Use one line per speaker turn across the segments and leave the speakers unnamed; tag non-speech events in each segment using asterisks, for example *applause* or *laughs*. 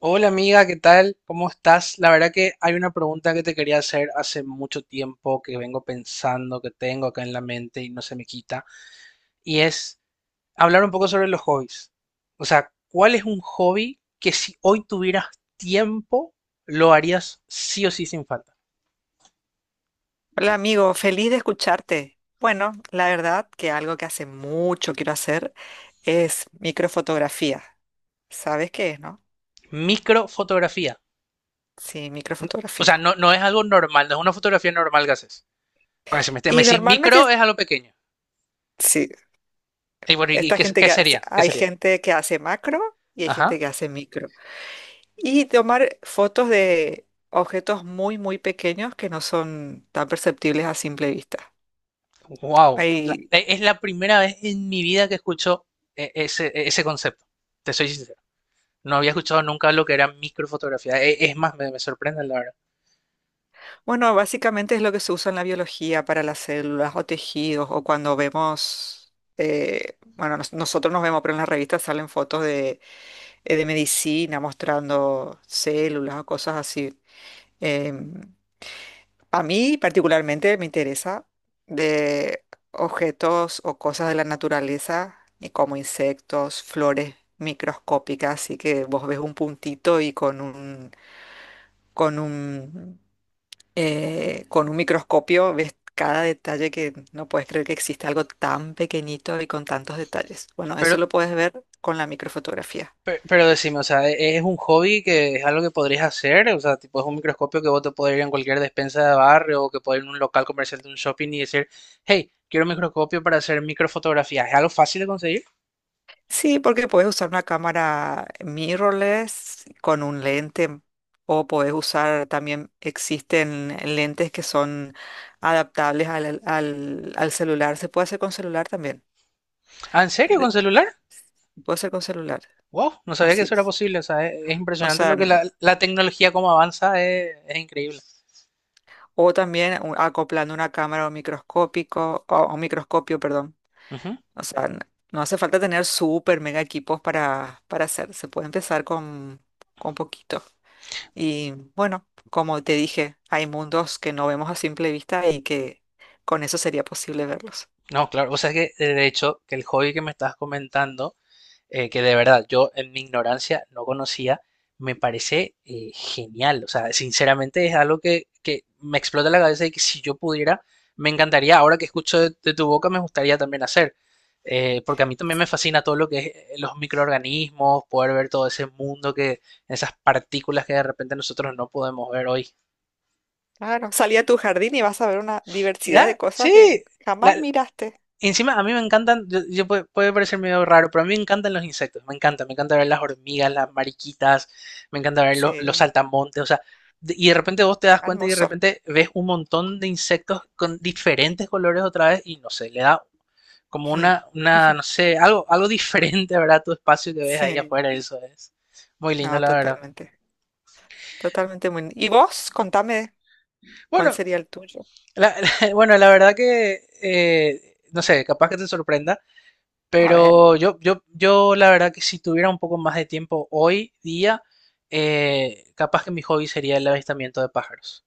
Hola amiga, ¿qué tal? ¿Cómo estás? La verdad que hay una pregunta que te quería hacer, hace mucho tiempo que vengo pensando, que tengo acá en la mente y no se me quita, y es hablar un poco sobre los hobbies. O sea, ¿cuál es un hobby que si hoy tuvieras tiempo lo harías sí o sí sin falta?
Hola amigo, feliz de escucharte. Bueno, la verdad que algo que hace mucho quiero hacer es microfotografía. ¿Sabes qué es, no?
Microfotografía.
Sí,
No- O
microfotografía.
sea, no, no es algo normal, no es una fotografía normal que haces. Porque si me
Y
decís micro
normalmente,
es algo pequeño.
sí,
Y bueno, ¿y
esta gente
qué
que hace-
sería? ¿Qué
hay
sería?
gente que hace macro y hay gente
Ajá.
que hace micro. Y tomar fotos de objetos muy, muy pequeños que no son tan perceptibles a simple vista.
Wow,
Hay
es la primera vez en mi vida que escucho ese concepto. Te soy sincero. No había escuchado nunca lo que era microfotografía. Es más, me sorprende la verdad.
bueno, básicamente es lo que se usa en la biología para las células o tejidos o cuando vemos, bueno, nosotros nos vemos, pero en las revistas salen fotos de medicina mostrando células o cosas así. Em, a mí particularmente me interesa de objetos o cosas de la naturaleza, y como insectos, flores microscópicas, así que vos ves un puntito y con un, con un con un microscopio ves cada detalle que no puedes creer que existe algo tan pequeñito y con tantos detalles. Bueno,
Pero,
eso lo puedes ver con la microfotografía.
pero decime, o sea, ¿es un hobby que es algo que podrías hacer? O sea, tipo, ¿es un microscopio que vos te podés ir en cualquier despensa de barrio o que podés ir en un local comercial de un shopping y decir, hey, quiero un microscopio para hacer microfotografía? ¿Es algo fácil de conseguir?
Sí, porque puedes usar una cámara mirrorless con un lente o puedes usar también, existen lentes que son adaptables al celular. Se puede hacer con celular también.
¿Ah, en serio? ¿Con
De-
celular?
Puede ser con celular,
Wow, no sabía que
así
eso era
es.
posible. O sea, es
O
impresionante
sea,
lo que la tecnología como avanza, es increíble.
o también acoplando una cámara o microscópico, o microscopio, perdón.
Ujú.
O sea, no hace falta tener súper mega equipos para hacer. Se puede empezar con poquito. Y bueno, como te dije, hay mundos que no vemos a simple vista y que con eso sería posible verlos.
No, claro, o sea que de hecho que el hobby que me estás comentando, que de verdad yo en mi ignorancia no conocía, me parece genial, o sea, sinceramente es algo que me explota la cabeza y que si yo pudiera, me encantaría, ahora que escucho de tu boca, me gustaría también hacer. Porque a mí también me fascina todo lo que es los microorganismos, poder ver todo ese mundo que, esas partículas que de repente nosotros no podemos ver hoy.
Claro, salí a tu jardín y vas a ver una diversidad de
Ah,
cosas que
sí.
jamás miraste.
Encima, a mí me encantan, yo puede, puede parecer medio raro, pero a mí me encantan los insectos, me encanta ver las hormigas, las mariquitas, me encanta ver los
Sí,
saltamontes, o sea, y de repente vos te das cuenta y de
hermoso.
repente ves un montón de insectos con diferentes colores otra vez y no sé, le da como
Mm.
una,
*laughs*
no sé, algo diferente, ¿verdad? Tu espacio que ves ahí
Sí,
afuera, eso es muy lindo,
no,
la verdad.
totalmente. Totalmente muy. ¿Y vos? Contame. ¿Cuál
Bueno,
sería el tuyo?
la, *laughs* bueno, la verdad que, no sé, capaz que te sorprenda.
A ver.
Pero yo la verdad que si tuviera un poco más de tiempo hoy día, capaz que mi hobby sería el avistamiento de pájaros.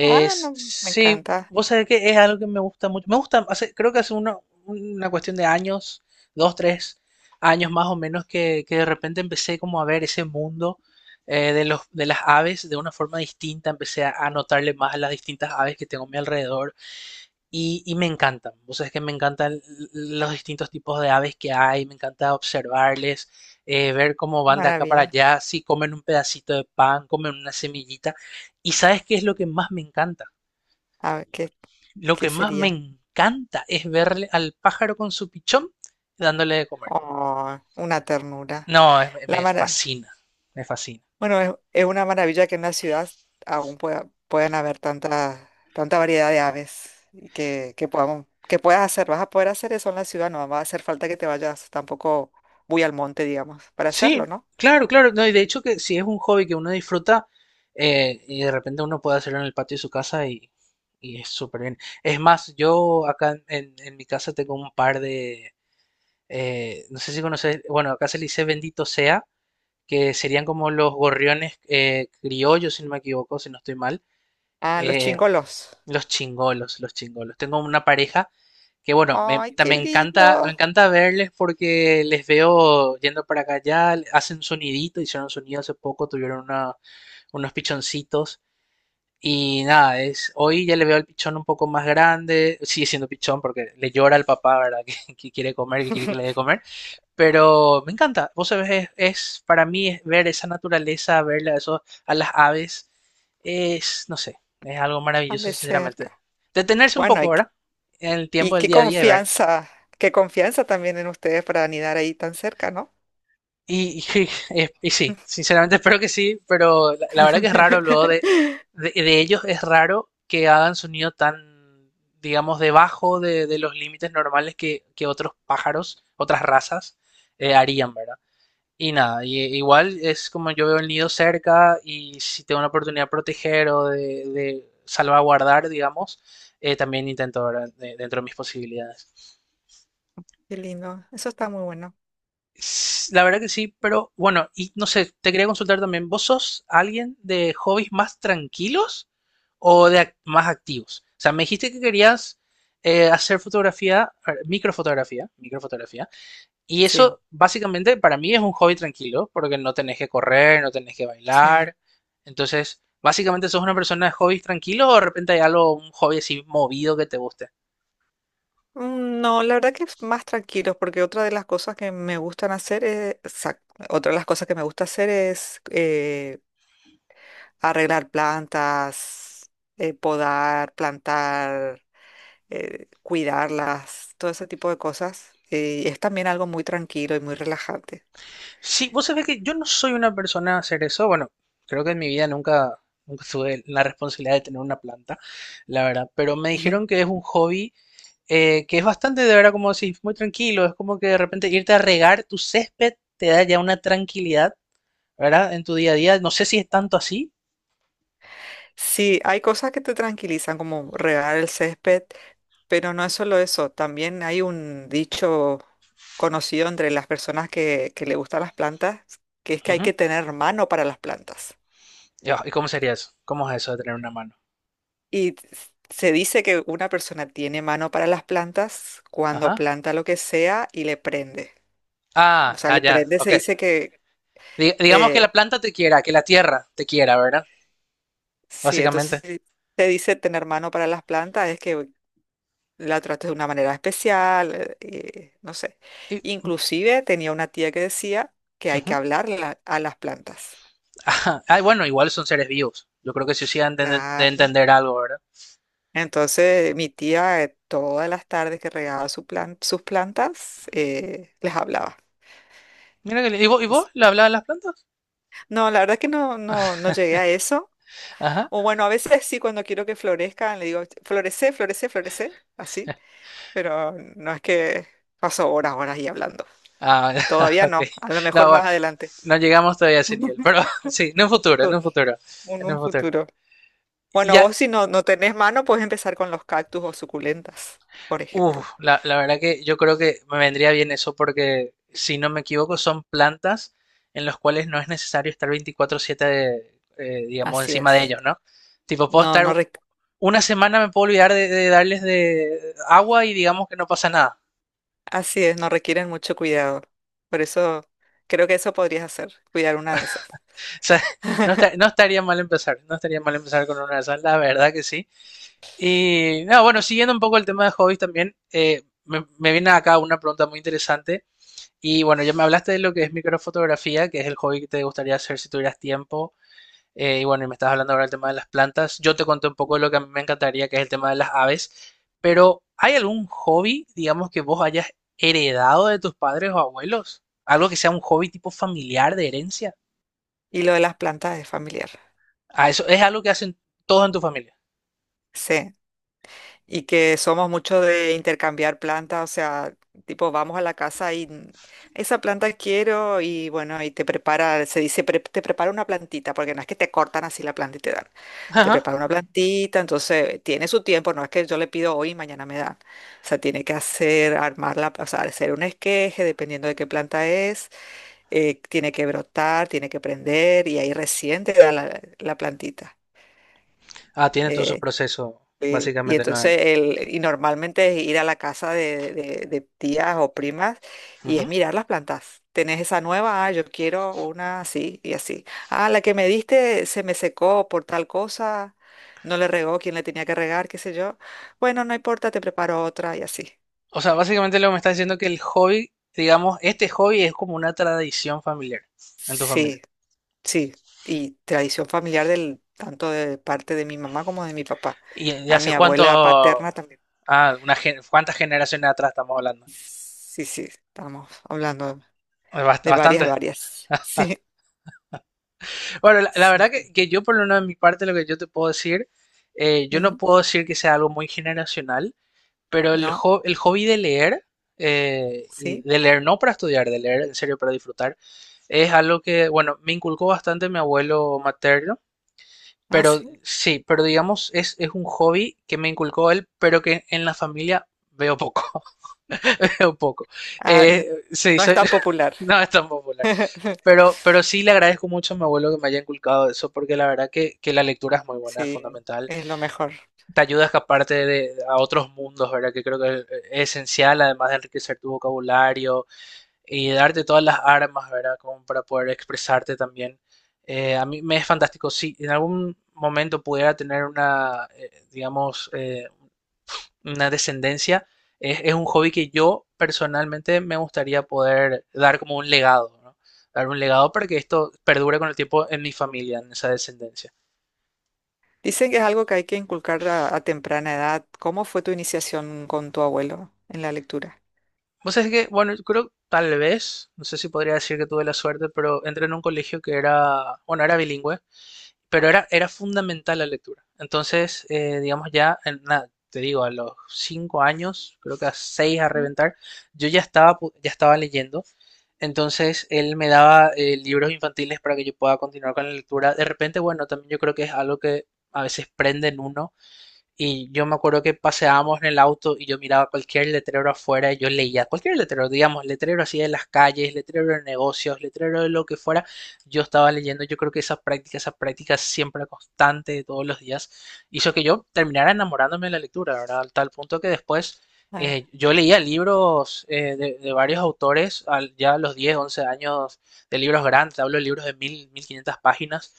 Ah, no, me
sí,
encanta.
vos sabés que es algo que me gusta mucho. Me gusta, creo que hace una cuestión de años, 2, 3 años más o menos, que de repente empecé como a ver ese mundo de los, de las aves de una forma distinta. Empecé a notarle más a las distintas aves que tengo a mi alrededor y me encantan. Vos sabés que me encantan los distintos tipos de aves que hay, me encanta observarles, ver cómo van de acá para
Maravilla.
allá, si comen un pedacito de pan, comen una semillita. ¿Y sabes qué es lo que más me encanta?
A ver, ¿qué,
Lo
qué
que más me
sería?
encanta es verle al pájaro con su pichón dándole de comer.
Oh, una ternura.
No, me
La mara-
fascina, me fascina.
Bueno, es una maravilla que en la ciudad aún pueda, puedan haber tanta, tanta variedad de aves y que podamos, que puedas hacer. Vas a poder hacer eso en la ciudad, no va a hacer falta que te vayas tampoco muy al monte, digamos, para
Sí,
hacerlo, ¿no?
claro, claro. No, y de hecho que si es un hobby que uno disfruta, y de repente uno puede hacerlo en el patio de su casa y es súper bien. Es más, yo acá en mi casa tengo un par de, no sé si conoces, bueno, acá se le dice bendito sea, que serían como los gorriones criollos, si no me equivoco, si no estoy mal.
Ah, los
Eh,
chingolos.
los chingolos, los chingolos. Tengo una pareja que, bueno,
Ay, qué
me
lindo.
encanta verles porque les veo yendo para acá allá, hacen sonidito, hicieron sonido hace poco, unos pichoncitos. Y nada, es, hoy ya le veo al pichón un poco más grande, sigue siendo pichón porque le llora al papá, ¿verdad? *laughs* Que quiere comer, que quiere que le dé
*laughs*
comer. Pero me encanta. Vos sabés, para mí es ver esa naturaleza, ver a, eso, a las aves, es, no sé, es algo
Tan
maravilloso,
de
sinceramente.
cerca.
Detenerse un
Bueno,
poco,
hay que
¿verdad? En el
y
tiempo del día a día y ver.
qué confianza también en ustedes para anidar ahí tan cerca, ¿no?
*laughs* Y sí, sinceramente *laughs* espero que sí, pero la verdad que es raro luego
*laughs*
de ellos, es raro que hagan sonido tan, digamos, debajo de los límites normales que otros pájaros, otras razas, harían, ¿verdad? Y nada, igual es como yo veo el nido cerca y si tengo una oportunidad de proteger o de salvaguardar, digamos, también intento, ¿verdad? Dentro de mis posibilidades.
Qué lindo, eso está muy bueno.
La verdad que sí, pero bueno, y no sé, te quería consultar también, ¿vos sos alguien de hobbies más tranquilos o de más activos? O sea, me dijiste que querías hacer fotografía, a ver, microfotografía, microfotografía. Y
Sí,
eso básicamente para mí es un hobby tranquilo, porque no tenés que correr, no tenés que
sí.
bailar. Entonces, básicamente ¿sos una persona de hobbies tranquilos o de repente hay algo, un hobby así movido que te guste?
No, la verdad que es más tranquilos, porque otra de las cosas que me gustan hacer es, otra de las cosas que me gusta hacer es arreglar plantas, podar, plantar, cuidarlas, todo ese tipo de cosas. Es también algo muy tranquilo y muy relajante.
Sí, vos sabés que yo no soy una persona a hacer eso. Bueno, creo que en mi vida nunca, nunca tuve la responsabilidad de tener una planta, la verdad. Pero me dijeron
*laughs*
que es un hobby que es bastante, de verdad, como decís, muy tranquilo. Es como que de repente irte a regar tu césped te da ya una tranquilidad, ¿verdad? En tu día a día. No sé si es tanto así.
Sí, hay cosas que te tranquilizan, como regar el césped, pero no es solo eso. También hay un dicho conocido entre las personas que le gustan las plantas, que es que hay
Ujú.
que tener mano para las plantas.
Yo, ¿y cómo sería eso? ¿Cómo es eso de tener una mano?
Y t- Se dice que una persona tiene mano para las plantas cuando
Ajá.
planta lo que sea y le prende. O
Ah,
sea,
ah,
le
ya,
prende,
ok.
se dice que
Digamos que la
eh,
planta te quiera, que la tierra te quiera, ¿verdad?
sí, entonces
Básicamente.
si se dice tener mano para las plantas, es que la trates de una manera especial, no sé.
Y,
Inclusive tenía una tía que decía que hay que
ujú.
hablarle a las plantas.
*laughs* Ajá. Ah, bueno, igual son seres vivos. Yo creo que sí, sí han de
Claro.
entender algo, ¿verdad?
Entonces, mi tía, todas las tardes que regaba su sus plantas, les hablaba.
Mira que, ¿y vos, y
Así.
vos le hablabas a las plantas?
No, la verdad que no, no, no llegué a eso.
Ajá.
O bueno, a veces sí, cuando quiero que florezcan, le digo, florece, florece, florece, así. Pero no es que paso horas, horas y hablando.
Ah, *laughs*
Todavía
ok.
no, a lo
No,
mejor
bueno,
más adelante.
no llegamos todavía a ese nivel, pero
*laughs*
*laughs* sí, en un futuro, en un futuro,
un,
en
un
un futuro.
futuro. Bueno,
Ya.
vos si no, no tenés mano, puedes empezar con los cactus o suculentas, por
Uf,
ejemplo.
la verdad que yo creo que me vendría bien eso porque, si no me equivoco, son plantas en las cuales no es necesario estar 24/7, digamos,
Así
encima de
es.
ellos, ¿no? Tipo, puedo
No, no requ-
una semana, me puedo olvidar de darles de agua y digamos que no pasa nada.
Así es, no requieren mucho cuidado. Por eso creo que eso podrías hacer, cuidar una de esas.
*laughs* O sea,
*laughs*
no estaría mal empezar, no estaría mal empezar con una de esas, la verdad que sí. Y, no, bueno, siguiendo un poco el tema de hobbies también, me viene acá una pregunta muy interesante. Y bueno, ya me hablaste de lo que es microfotografía, que es el hobby que te gustaría hacer si tuvieras tiempo. Y bueno, y me estás hablando ahora del tema de las plantas. Yo te conté un poco de lo que a mí me encantaría, que es el tema de las aves. Pero ¿hay algún hobby, digamos, que vos hayas heredado de tus padres o abuelos? Algo que sea un hobby tipo familiar, de herencia.
Y lo de las plantas es familiar.
Ah, eso es algo que hacen todos en tu familia.
Sí. Y que somos mucho de intercambiar plantas, o sea, tipo, vamos a la casa y esa planta quiero y bueno, y te prepara, se dice, Te prepara una plantita", porque no es que te cortan así la planta y te dan, te
Ajá.
prepara una plantita, entonces tiene su tiempo, no es que yo le pido hoy y mañana me dan, o sea, tiene que hacer, armarla, o sea, hacer un esqueje, dependiendo de qué planta es, tiene que brotar, tiene que prender y ahí recién te da la, la plantita.
Ah, tiene todo su
Eh,
proceso,
Sí, y
básicamente, no.
entonces, el, y normalmente es ir a la casa de, de tías o primas y es
Ujú.
mirar las plantas. ¿Tenés esa nueva? Ah, yo quiero una así y así. Ah, la que me diste se me secó por tal cosa, no le regó quien le tenía que regar, qué sé yo. Bueno, no importa, te preparo otra y así.
O sea, básicamente lo que me está diciendo que el hobby, digamos, este hobby es como una tradición familiar en tu familia.
Sí, sí. Y tradición familiar del, tanto de parte de mi mamá como de mi papá.
¿Y de
A
hace
mi abuela
cuánto?
paterna también.
Ah, ¿cuántas generaciones atrás estamos hablando?
Sí, sí, estamos hablando de varias,
Bastante.
varias. *laughs* Sí,
Bueno, la
sí,
verdad
sí.
que yo por lo menos de mi parte lo que yo te puedo decir, yo no
Ujú.
puedo decir que sea algo muy generacional, pero
No,
el hobby de leer, y
sí.
de leer no para estudiar, de leer en serio para disfrutar, es algo que, bueno, me inculcó bastante mi abuelo materno,
Ah,
pero
sí.
sí, pero digamos, es un hobby que me inculcó él, pero que en la familia veo poco. *laughs* Un poco.
Ah, no,
Eh, sí,
no es
soy-
tan popular.
*laughs* no es tan popular.
*laughs*
Pero sí le agradezco mucho a mi abuelo que me haya inculcado eso, porque la verdad que la lectura es muy buena, es
Sí,
fundamental.
es lo mejor.
Te ayuda a escaparte de, a otros mundos, ¿verdad? Que creo que es esencial, además de enriquecer tu vocabulario y darte todas las armas, ¿verdad? Como para poder expresarte también. A mí me es fantástico. Si en algún momento pudiera tener una, digamos, una descendencia, es un hobby que yo personalmente me gustaría poder dar como un legado, ¿no? Dar un legado para que esto perdure con el tiempo en mi familia, en esa descendencia.
Dicen que es algo que hay que inculcar a temprana edad. ¿Cómo fue tu iniciación con tu abuelo en la lectura?
Vos sabés que, bueno, yo creo tal vez, no sé si podría decir que tuve la suerte, pero entré en un colegio que era, bueno, era bilingüe, pero era, era fundamental la lectura. Entonces, digamos ya, te digo, a los 5 años, creo que a 6 a reventar, yo ya estaba leyendo. Entonces, él me daba libros infantiles para que yo pueda continuar con la lectura. De repente, bueno, también yo creo que es algo que a veces prende en uno y yo me acuerdo que paseábamos en el auto y yo miraba cualquier letrero afuera y yo leía cualquier letrero, digamos, letrero así de las calles, letrero de negocios, letrero de lo que fuera. Yo estaba leyendo, yo creo que esa práctica siempre constante de todos los días, hizo que yo terminara enamorándome de la lectura, ¿verdad? Al tal punto que después
Ah,
yo leía libros de varios autores ya a los 10, 11 años, de libros grandes, te hablo de libros de 1.000, 1.500 páginas.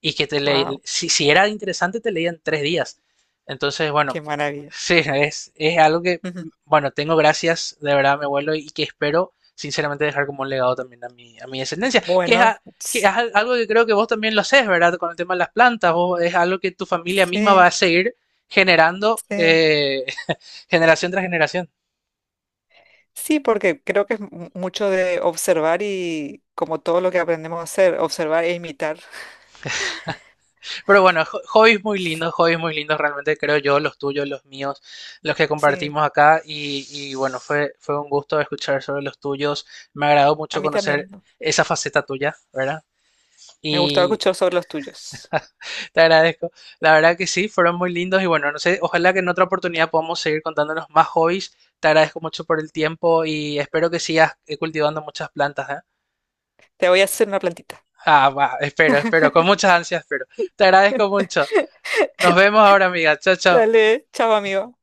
Y que te le,
wow,
si, si era interesante te leían 3 días. Entonces,
qué
bueno,
maravilla.
sí, es algo que,
Ujú.
bueno, tengo gracias de verdad a mi abuelo y que espero sinceramente dejar como un legado también a mi descendencia, que es,
Bueno,
que es
s-
algo que creo que vos también lo haces, ¿verdad? Con el tema de las plantas, vos es algo que tu familia misma va
sí,
a seguir generando
sí.
*laughs* generación tras generación.
Sí, porque creo que es mucho de observar y como todo lo que aprendemos a hacer, observar e imitar.
Pero bueno, hobbies muy lindos realmente creo yo, los tuyos, los míos, los que
Sí,
compartimos acá y bueno, fue, fue un gusto escuchar sobre los tuyos. Me agradó
a
mucho
mí
conocer
también.
esa faceta tuya, ¿verdad?
Me gustaba
Y
escuchar sobre los tuyos.
te agradezco. La verdad que sí, fueron muy lindos y bueno, no sé, ojalá que en otra oportunidad podamos seguir contándonos más hobbies. Te agradezco mucho por el tiempo y espero que sigas, cultivando muchas plantas, ¿eh?
Te voy a hacer una plantita.
Ah, va, espero, espero, con
*laughs*
muchas ansias, espero. Te agradezco mucho. Nos vemos ahora, amiga. Chao, chao.
Dale, chao, amigo.